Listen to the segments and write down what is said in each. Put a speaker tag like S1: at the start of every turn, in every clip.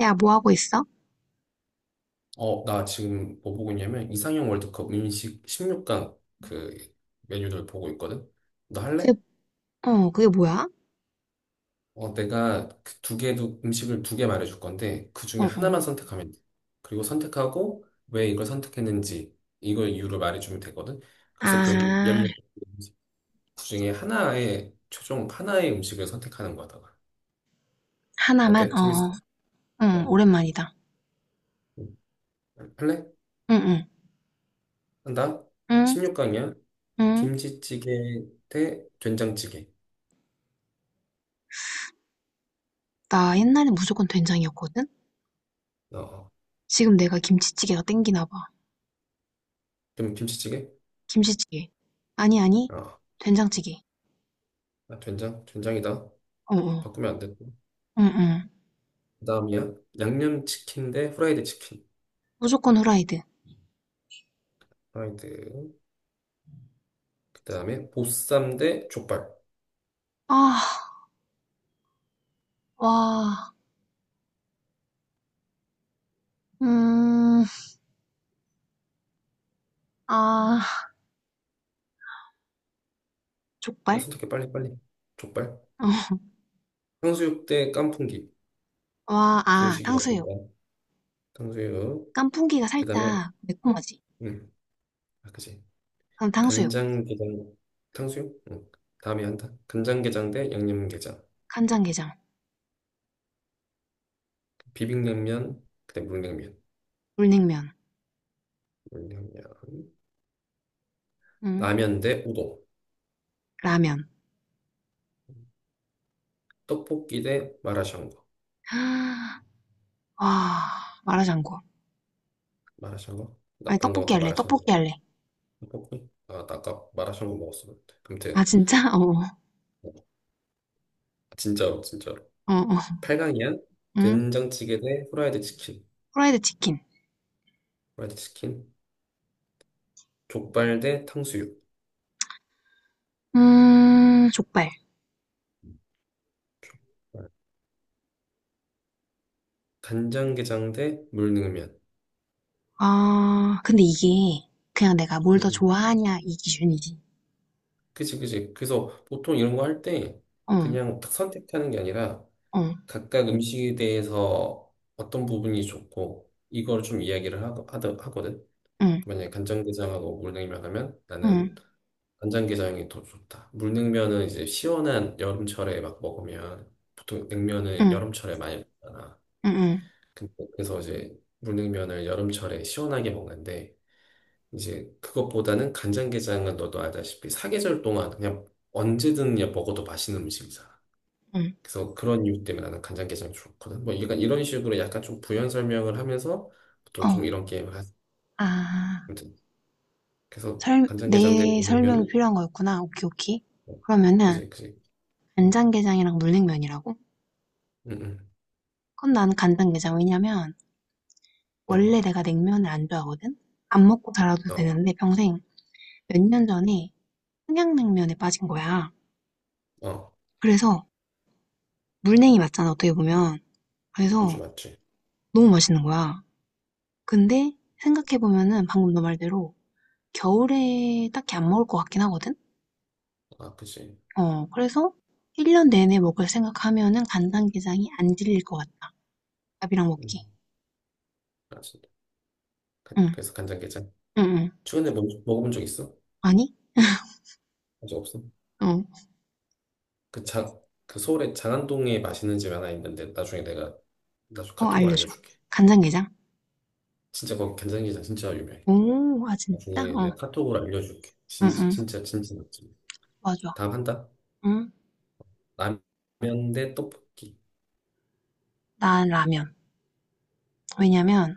S1: 야, 뭐 하고 있어?
S2: 어, 나 지금 뭐 보고 있냐면 이상형 월드컵 음식 16강 그 메뉴들 보고 있거든. 너 할래?
S1: 그게, 그게 뭐야?
S2: 어, 내가 그 두 개도 음식을 두 개 말해줄 건데 그
S1: 어,
S2: 중에
S1: 어.
S2: 하나만 선택하면 돼. 그리고 선택하고 왜 이걸 선택했는지 이걸 이유를 말해주면 되거든. 그래서
S1: 아,
S2: 결국 16개 음식 그 중에 하나의 최종 하나의 음식을 선택하는 거다가
S1: 하나만?
S2: 어때?
S1: 어,
S2: 재밌어?
S1: 어. 응,
S2: 어,
S1: 오랜만이다.
S2: 응. 할래?
S1: 응, 응.
S2: 한다.
S1: 응,
S2: 16강이야.
S1: 응.
S2: 김치찌개 대 된장찌개.
S1: 나 옛날에 무조건 된장이었거든?
S2: 어. 어.
S1: 지금 내가 김치찌개가 땡기나 봐.
S2: 김치찌개?
S1: 김치찌개. 아니, 아니.
S2: 아,
S1: 된장찌개.
S2: 아, 된장? 된장이다.
S1: 어, 어.
S2: 바꾸면 안 되고.
S1: 응, 응.
S2: 그 다음이야. 양념치킨 대 후라이드 치킨.
S1: 무조건 후라이드.
S2: 후라이드. 그 다음에 보쌈 대 족발.
S1: 아, 와. 음, 아.
S2: 왜
S1: 족발?
S2: 선택해? 빨리, 빨리. 족발.
S1: 어.
S2: 탕수육 대 깐풍기.
S1: 와, 아,
S2: 중식이야,
S1: 탕수육.
S2: 중간. 탕수육.
S1: 깐풍기가
S2: 그 다음에,
S1: 살짝 매콤하지?
S2: 음, 아, 그지.
S1: 그럼 탕수육.
S2: 간장게장. 탕수육? 응. 다음에 한다. 간장게장 대 양념게장.
S1: 간장게장.
S2: 비빔냉면, 그 다음에 물냉면.
S1: 물냉면.
S2: 물냉면.
S1: 응.
S2: 라면 대 우동.
S1: 라면.
S2: 떡볶이 대 마라샹궈.
S1: 와, 마라샹궈.
S2: 마라샹궈? 나
S1: 아니,
S2: 방금
S1: 떡볶이
S2: 아까
S1: 할래,
S2: 마라샹궈
S1: 떡볶이
S2: 먹었-
S1: 할래.
S2: 먹었 아, 나 아까 마라샹궈 먹었었는데
S1: 아,
S2: 아무튼
S1: 진짜? 어,
S2: 진짜로 진짜로
S1: 어, 어.
S2: 8강이야?
S1: 응?
S2: 된장찌개 대 후라이드 치킨.
S1: 프라이드 치킨.
S2: 후라이드 치킨. 족발 대 탕수육.
S1: 족발.
S2: 족발. 간장게장 대 물냉면.
S1: 아, 근데 이게 그냥 내가 뭘
S2: 응,
S1: 더
S2: 응.
S1: 좋아하냐, 이 기준이지.
S2: 그치 그치, 그래서 보통 이런 거 할 때
S1: 어,
S2: 그냥 딱 선택하는 게 아니라
S1: 어,
S2: 각각 음식에 대해서 어떤 부분이 좋고 이걸 좀 이야기를 하거든.
S1: 응,
S2: 만약에 간장게장하고 물냉면 하면
S1: 응,
S2: 나는
S1: 응,
S2: 간장게장이 더 좋다. 물냉면은 이제 시원한 여름철에 막 먹으면, 보통 냉면은
S1: 응,
S2: 여름철에 많이 먹잖아.
S1: 응, 응,
S2: 근데 그래서 이제 물냉면을 여름철에 시원하게 먹는데, 이제 그것보다는 간장게장은 너도 알다시피 사계절 동안 그냥 언제든 그냥 먹어도 맛있는 음식이잖아.
S1: 응.
S2: 그래서 그런 이유 때문에 나는 간장게장 좋거든. 뭐 약간 이런 식으로 약간 좀 부연 설명을 하면서 보통
S1: 어.
S2: 좀 이런 게임을
S1: 아,
S2: 하거든. 그래서
S1: 설,
S2: 간장게장 된
S1: 내 설명이
S2: 물냉면을.
S1: 필요한 거였구나. 오케이, 오케이.
S2: 어,
S1: 그러면은,
S2: 그지 그지. 응.
S1: 간장게장이랑 물냉면이라고? 그
S2: 응. 응.
S1: 건 난 간장게장. 왜냐면,
S2: 어.
S1: 원래
S2: 어.
S1: 내가 냉면을 안 좋아하거든? 안 먹고 살아도
S2: 어,
S1: 되는데 평생 몇 년 전에 평양냉면에 빠진 거야.
S2: 어,
S1: 그래서 물냉이 맞잖아, 어떻게 보면.
S2: 우주
S1: 그래서
S2: 맞지?
S1: 너무 맛있는 거야. 근데 생각해보면은 방금 너 말대로 겨울에 딱히 안 먹을 것 같긴 하거든?
S2: 아, 그치.
S1: 어, 그래서 1년 내내 먹을 생각하면은 간장게장이 안 질릴 것 같다. 밥이랑 먹기.
S2: 음, 맞습니다.
S1: 응,
S2: 그래서 간장게장.
S1: 응, 응.
S2: 최근에 뭐, 먹어본 적 있어?
S1: 아니?
S2: 아직 없어?
S1: 어,
S2: 그 장, 그 서울에 장안동에 맛있는 집 하나 있는데 나중에 내가 나중에
S1: 어,
S2: 카톡으로
S1: 알려줘.
S2: 알려줄게.
S1: 간장게장?
S2: 진짜 거기 간장게장 진짜 유명해.
S1: 오, 아, 진짜?
S2: 나중에
S1: 어,
S2: 내가 카톡으로 알려줄게.
S1: 응,
S2: 진짜
S1: 응.
S2: 진짜 진짜 맛집.
S1: 맞아.
S2: 다음 한다.
S1: 응.
S2: 라면 대 떡볶이.
S1: 난 라면. 왜냐면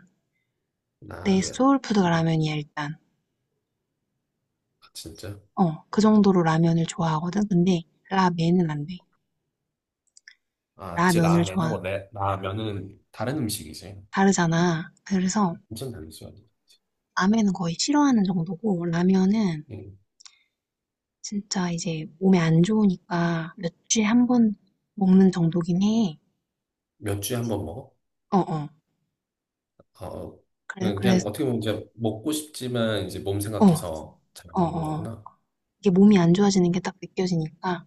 S1: 내
S2: 라면.
S1: 소울푸드가
S2: 음,
S1: 라면이야, 일단.
S2: 아, 진짜?
S1: 어, 그 정도로 라면을 좋아하거든. 근데 라멘은 안 돼.
S2: 아, 그치,
S1: 라면을
S2: 라면하고
S1: 좋아.
S2: 레, 라면은 다른 음식이지.
S1: 다르잖아. 그래서
S2: 엄청 다르지.
S1: 라면은 거의 싫어하는 정도고 라면은
S2: 음.
S1: 진짜 이제 몸에 안 좋으니까 몇 주에 한 번 먹는 정도긴 해.
S2: 몇 주에 한 번 먹어?
S1: 어, 어.
S2: 어,
S1: 그래,
S2: 그냥,
S1: 그래.
S2: 그냥 어떻게 보면 이제 먹고 싶지만 이제 몸
S1: 어, 어,
S2: 생각해서 잘 안 먹는
S1: 어.
S2: 거구나.
S1: 이게 몸이 안 좋아지는 게 딱 느껴지니까.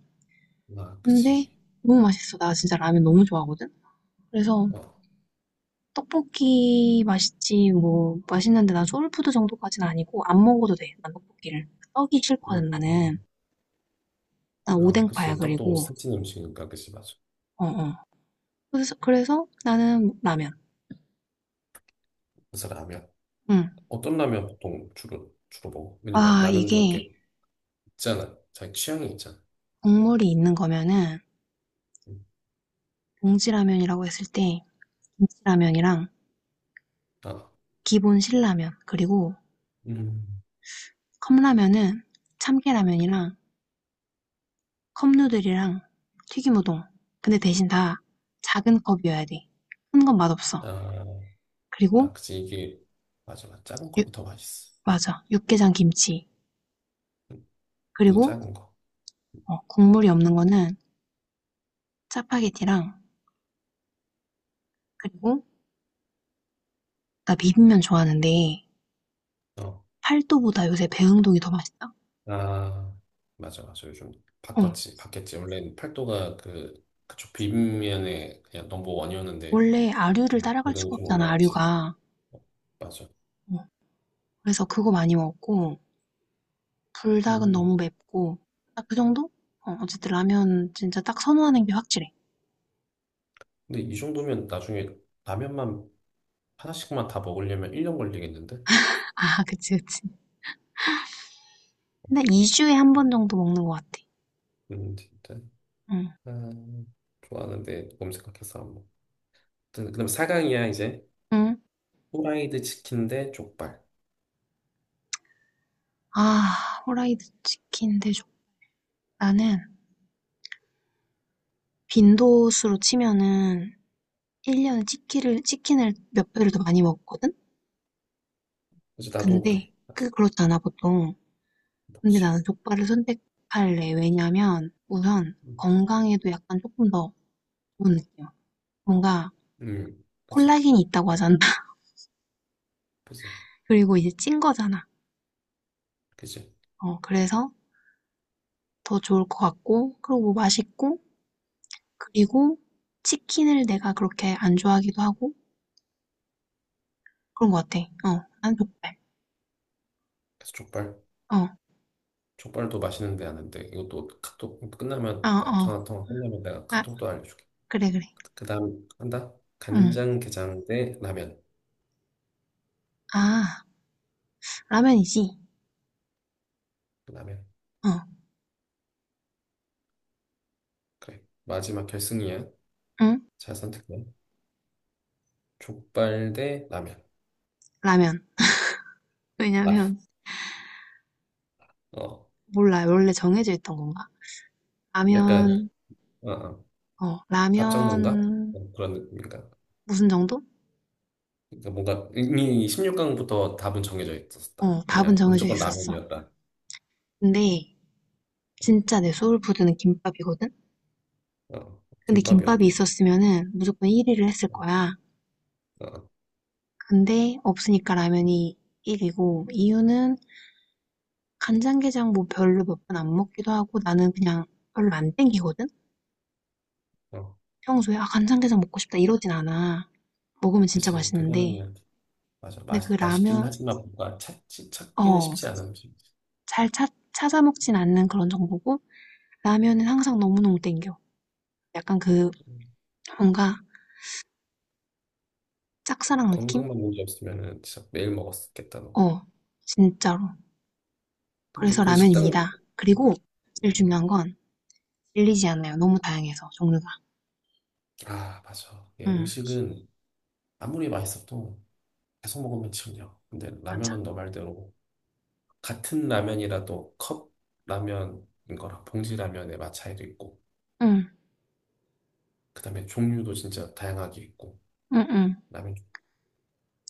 S2: 아,
S1: 근데
S2: 그치.
S1: 너무 맛있어. 나 진짜 라면 너무 좋아하거든. 그래서
S2: 어,
S1: 떡볶이 맛있지, 뭐, 맛있는데 난 소울푸드 정도까진 아니고, 안 먹어도 돼, 난 떡볶이를. 떡이
S2: 음,
S1: 싫거든,
S2: 음.
S1: 나는. 난
S2: 아,
S1: 오뎅파야,
S2: 그치. 떡도
S1: 그리고.
S2: 살찐 음식이니까, 그치, 맞아.
S1: 어, 어. 그래서 나는 라면.
S2: 그래서 라면.
S1: 응.
S2: 어떤 라면 보통 주로 먹어? 왜냐면
S1: 아,
S2: 라면도
S1: 이게
S2: 이렇게 있잖아. 자기 취향이 있잖아.
S1: 국물이 있는 거면은,
S2: 음.
S1: 봉지라면이라고 했을 때, 김치라면이랑
S2: 아,
S1: 기본 신라면, 그리고
S2: 음.
S1: 컵라면은 참깨라면이랑 컵누들이랑 튀김우동. 근데 대신 다 작은 컵이어야 돼. 큰 건 맛없어.
S2: 아,
S1: 그리고
S2: 아, 그치. 이게, 맞아. 맞아. 작은
S1: 유-
S2: 컵이 더 맛있어.
S1: 맞아. 육개장 김치.
S2: 그것도
S1: 그리고
S2: 작은 거.
S1: 어, 국물이 없는 거는 짜파게티랑 그리고 나 비빔면 좋아하는데
S2: 어.
S1: 팔도보다 요새 배흥동이 더 맛있다.
S2: 아, 맞아, 맞아. 요즘
S1: 어.
S2: 바꿨지, 바뀌었지. 원래는 팔도가 그쪽 빗면에 그냥 넘버원이었는데,
S1: 원래 아류를
S2: 좀
S1: 따라갈
S2: 그래도
S1: 수가
S2: 좀
S1: 없잖아,
S2: 올라왔지.
S1: 아류가.
S2: 어, 맞아.
S1: 어, 그래서 그거 많이 먹고 불닭은 너무
S2: 음.
S1: 맵고 딱 그 정도? 어, 어쨌든 라면 진짜 딱 선호하는 게 확실해.
S2: 근데 이 정도면 나중에 라면만 하나씩만 다 먹으려면 1년 걸리겠는데?
S1: 아, 그치, 그치. 근데 2주에 한 번 정도 먹는 것 같아.
S2: 진짜.
S1: 응.
S2: 아, 좋아하는데 검색학해서 안 먹. 그다음 사강이야 이제.
S1: 응.
S2: 후라이드 치킨 대 족발.
S1: 아, 후라이드 치킨 대접. 나는 빈도수로 치면은 1년 년에 치킨을 몇 배를 더 많이 먹었거든?
S2: 그치 나도 그래.
S1: 근데
S2: 맞아.
S1: 그게 그렇잖아, 보통. 근데
S2: 먹지.
S1: 나는 족발을 선택할래. 왜냐면 우선
S2: 음,
S1: 건강에도 약간 조금 더 좋은 느낌. 뭔가
S2: 그치.
S1: 콜라겐이 있다고
S2: 아,
S1: 하잖아.
S2: 그치.
S1: 그리고 이제 찐 거잖아.
S2: 그치.
S1: 어, 그래서 더 좋을 것 같고, 그리고 맛있고, 그리고 치킨을 내가 그렇게 안 좋아하기도 하고, 그런 것 같아. 어, 난 족발.
S2: 그래서 족발.
S1: 어,
S2: 족발도 맛있는데 아는데 이것도 카톡
S1: 아,
S2: 끝나면 내
S1: 어.
S2: 전화 통화 끝나면 내가
S1: 아,
S2: 카톡도 알려줄게.
S1: 그래, 그래.
S2: 그다음 한다.
S1: 응.
S2: 간장 게장 대 라면.
S1: 아, 라면이지.
S2: 라면.
S1: 어,
S2: 그래. 마지막 결승이야.
S1: 응?
S2: 잘 선택해. 족발 대 라면.
S1: 라면.
S2: 라면.
S1: 왜냐면
S2: 어.
S1: 몰라요. 원래 정해져 있던 건가?
S2: 약간
S1: 라면,
S2: 어, 어.
S1: 어,
S2: 답정론가?
S1: 라면
S2: 어, 그런 느낌인가?
S1: 무슨 정도?
S2: 그러니까 뭔가 이미 16강부터 답은 정해져 있었다.
S1: 어, 답은
S2: 그냥
S1: 정해져
S2: 무조건
S1: 있었어.
S2: 라면이었다.
S1: 근데 진짜 내 소울푸드는 김밥이거든?
S2: 어.
S1: 근데
S2: 김밥이
S1: 김밥이
S2: 없네.
S1: 있었으면은 무조건 1위를 했을 거야.
S2: 어.
S1: 근데 없으니까 라면이 1위고 이유는 간장게장 뭐 별로 몇 번 안 먹기도 하고 나는 그냥 별로 안 땡기거든?
S2: 어.
S1: 평소에 아 간장게장 먹고 싶다 이러진 않아. 먹으면
S2: 아,
S1: 진짜
S2: 그치. 그거는
S1: 맛있는데
S2: 그냥 맞아.
S1: 근데 그
S2: 맛, 맛있긴
S1: 라면
S2: 하지만 뭔가 찾기, 찾기는 쉽지
S1: 어
S2: 않은 음식.
S1: 찾아 먹진 않는 그런 정보고 라면은 항상 너무너무 땡겨. 약간 그
S2: 음,
S1: 뭔가
S2: 그
S1: 짝사랑 느낌?
S2: 건강만 문제 없으면은 진짜 매일 먹었겠다, 너.
S1: 어, 진짜로.
S2: 근데
S1: 그래서
S2: 그 식당,
S1: 라면입니다.
S2: 음,
S1: 그리고 제일
S2: 음.
S1: 중요한 건 질리지 않아요. 너무 다양해서 종류가.
S2: 아, 맞아. 이게
S1: 응,
S2: 음식은 아무리 맛있어도 계속 먹으면 질려. 근데
S1: 맞아.
S2: 라면은 너 말대로 같은 라면이라도 컵 라면인 거랑 봉지 라면의 맛 차이도 있고,
S1: 응,
S2: 그 다음에 종류도 진짜 다양하게 있고,
S1: 응, 응.
S2: 라면,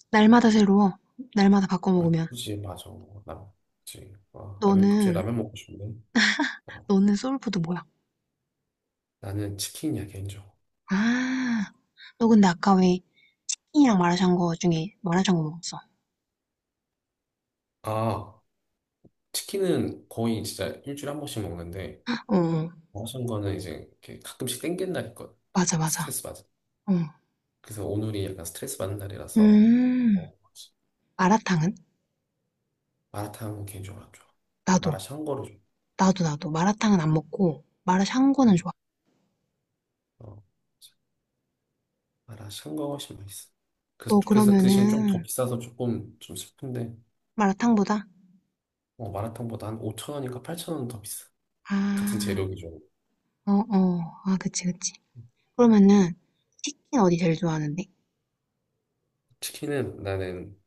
S1: 날마다 새로워. 날마다 바꿔
S2: 아,
S1: 먹으면.
S2: 굳이, 맞아. 라면, 그치. 아, 라면, 갑자기
S1: 너는
S2: 라면 먹고 싶네. 어,
S1: 너는 소울푸드 뭐야?
S2: 나는 치킨이야, 개인적으로.
S1: 아, 너 근데 아까 왜 치킨이랑 마라샹궈 중에 마라샹궈 먹었어?
S2: 아, 치킨은 거의 진짜 일주일에 한 번씩 먹는데,
S1: 어, 어.
S2: 먹은 거는 이제 이렇게 가끔씩 땡기는 날이 있거든. 그러니까
S1: 맞아,
S2: 막
S1: 맞아.
S2: 스트레스 받아.
S1: 어.
S2: 그래서 오늘이 약간 스트레스 받는 날이라서,
S1: 음.
S2: 뭐, 뭐지?
S1: 마라탕은?
S2: 마라탕 개인적으로 안 좋아.
S1: 나도.
S2: 마라샹궈를 좀.
S1: 나도, 나도. 마라탕은 안 먹고, 마라샹궈는
S2: 음,
S1: 좋아.
S2: 어, 마라샹궈가 훨씬 맛있어. 그래서,
S1: 너
S2: 그래서 그 대신 좀 더
S1: 그러면은,
S2: 비싸서 조금 좀 슬픈데,
S1: 마라탕보다?
S2: 어, 마라탕보다 한 5천 원인가 8천 원 더 비싸. 같은
S1: 아,
S2: 재료기죠.
S1: 어, 어. 아, 그치, 그치. 그러면은, 치킨 어디 제일 좋아하는데?
S2: 치킨은 나는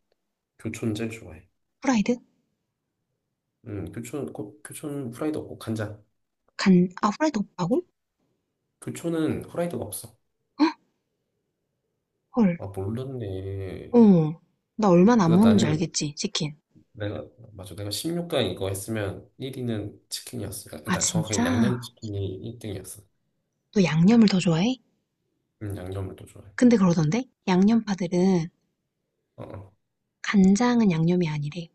S2: 교촌 제일 좋아해.
S1: 후라이드?
S2: 교촌, 교촌 후라이드 없고 간장.
S1: 간, 아, 후라이드 없다고?
S2: 교촌은 후라이드가 없어.
S1: 헉, 헐.
S2: 아, 몰랐네.
S1: 어. 나 얼마나 안
S2: 그래서
S1: 먹는 줄
S2: 나는
S1: 알겠지, 치킨.
S2: 내가 맞아. 내가 16강 이거 했으면 1위는 치킨이었어. 그러니까
S1: 아,
S2: 그러니까 정확하게
S1: 진짜?
S2: 양념치킨이 1등이었어.
S1: 너 양념을 더 좋아해?
S2: 양념을 또 좋아해.
S1: 근데 그러던데? 양념파들은,
S2: 어, 어.
S1: 간장은 양념이 아니래.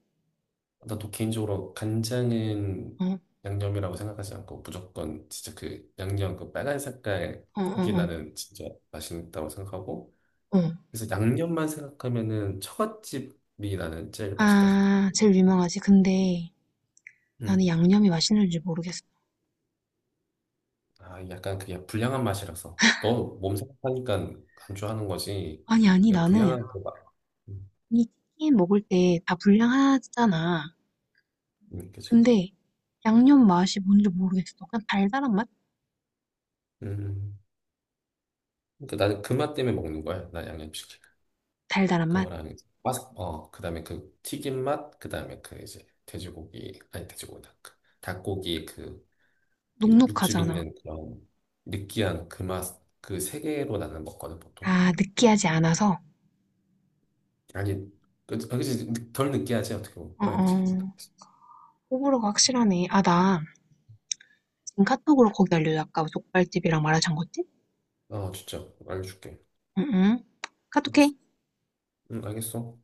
S2: 나도 개인적으로 간장은
S1: 어,
S2: 양념이라고 생각하지 않고 무조건 진짜 그 양념 그 빨간 색깔
S1: 어,
S2: 그게
S1: 어,
S2: 나는 진짜 맛있다고 생각하고,
S1: 어. 어.
S2: 그래서 양념만 생각하면은 처갓집이 나는 제일 맛있다고 생각해.
S1: 아, 제일 유명하지. 근데, 나는
S2: 음.
S1: 양념이 맛있는지 모르겠어.
S2: 아, 약간 그게 불량한 맛이라서. 너몸각하니까 안주하는 거지.
S1: 아니, 아니,
S2: 그러니까
S1: 나는
S2: 불량한 그 맛. 음,
S1: 이 치킨 먹을 때 다 분량하잖아.
S2: 그죠.
S1: 근데 양념 맛이 뭔지 모르겠어. 그냥 달달한 맛?
S2: 음. 그러니까 나는 그 맛 때문에 먹는 거야. 나 양념치킨.
S1: 달달한 맛?
S2: 그거랑 이제 바삭, 그 다음에 그 튀김 맛, 그 다음에 그 이제 돼지고기, 아니 돼지고기, 닭, 그 닭고기 그, 그 육즙
S1: 눅눅하잖아.
S2: 있는 그런 느끼한 그 맛, 그 세 개로 나는 먹거든, 보통.
S1: 아, 느끼하지 않아서.
S2: 아니, 그, 그지, 덜 느끼하지, 어떻게 보면.
S1: 어,
S2: 후라이드 치킨보다.
S1: 어. 호불호가 확실하네. 아, 나 지금 카톡으로 거기 알려줘. 아까 족발집이랑 마라샹궈집?
S2: 어, 진짜. 알려줄게.
S1: 응, 응.
S2: 알겠어.
S1: 카톡해.
S2: 응, 알겠어.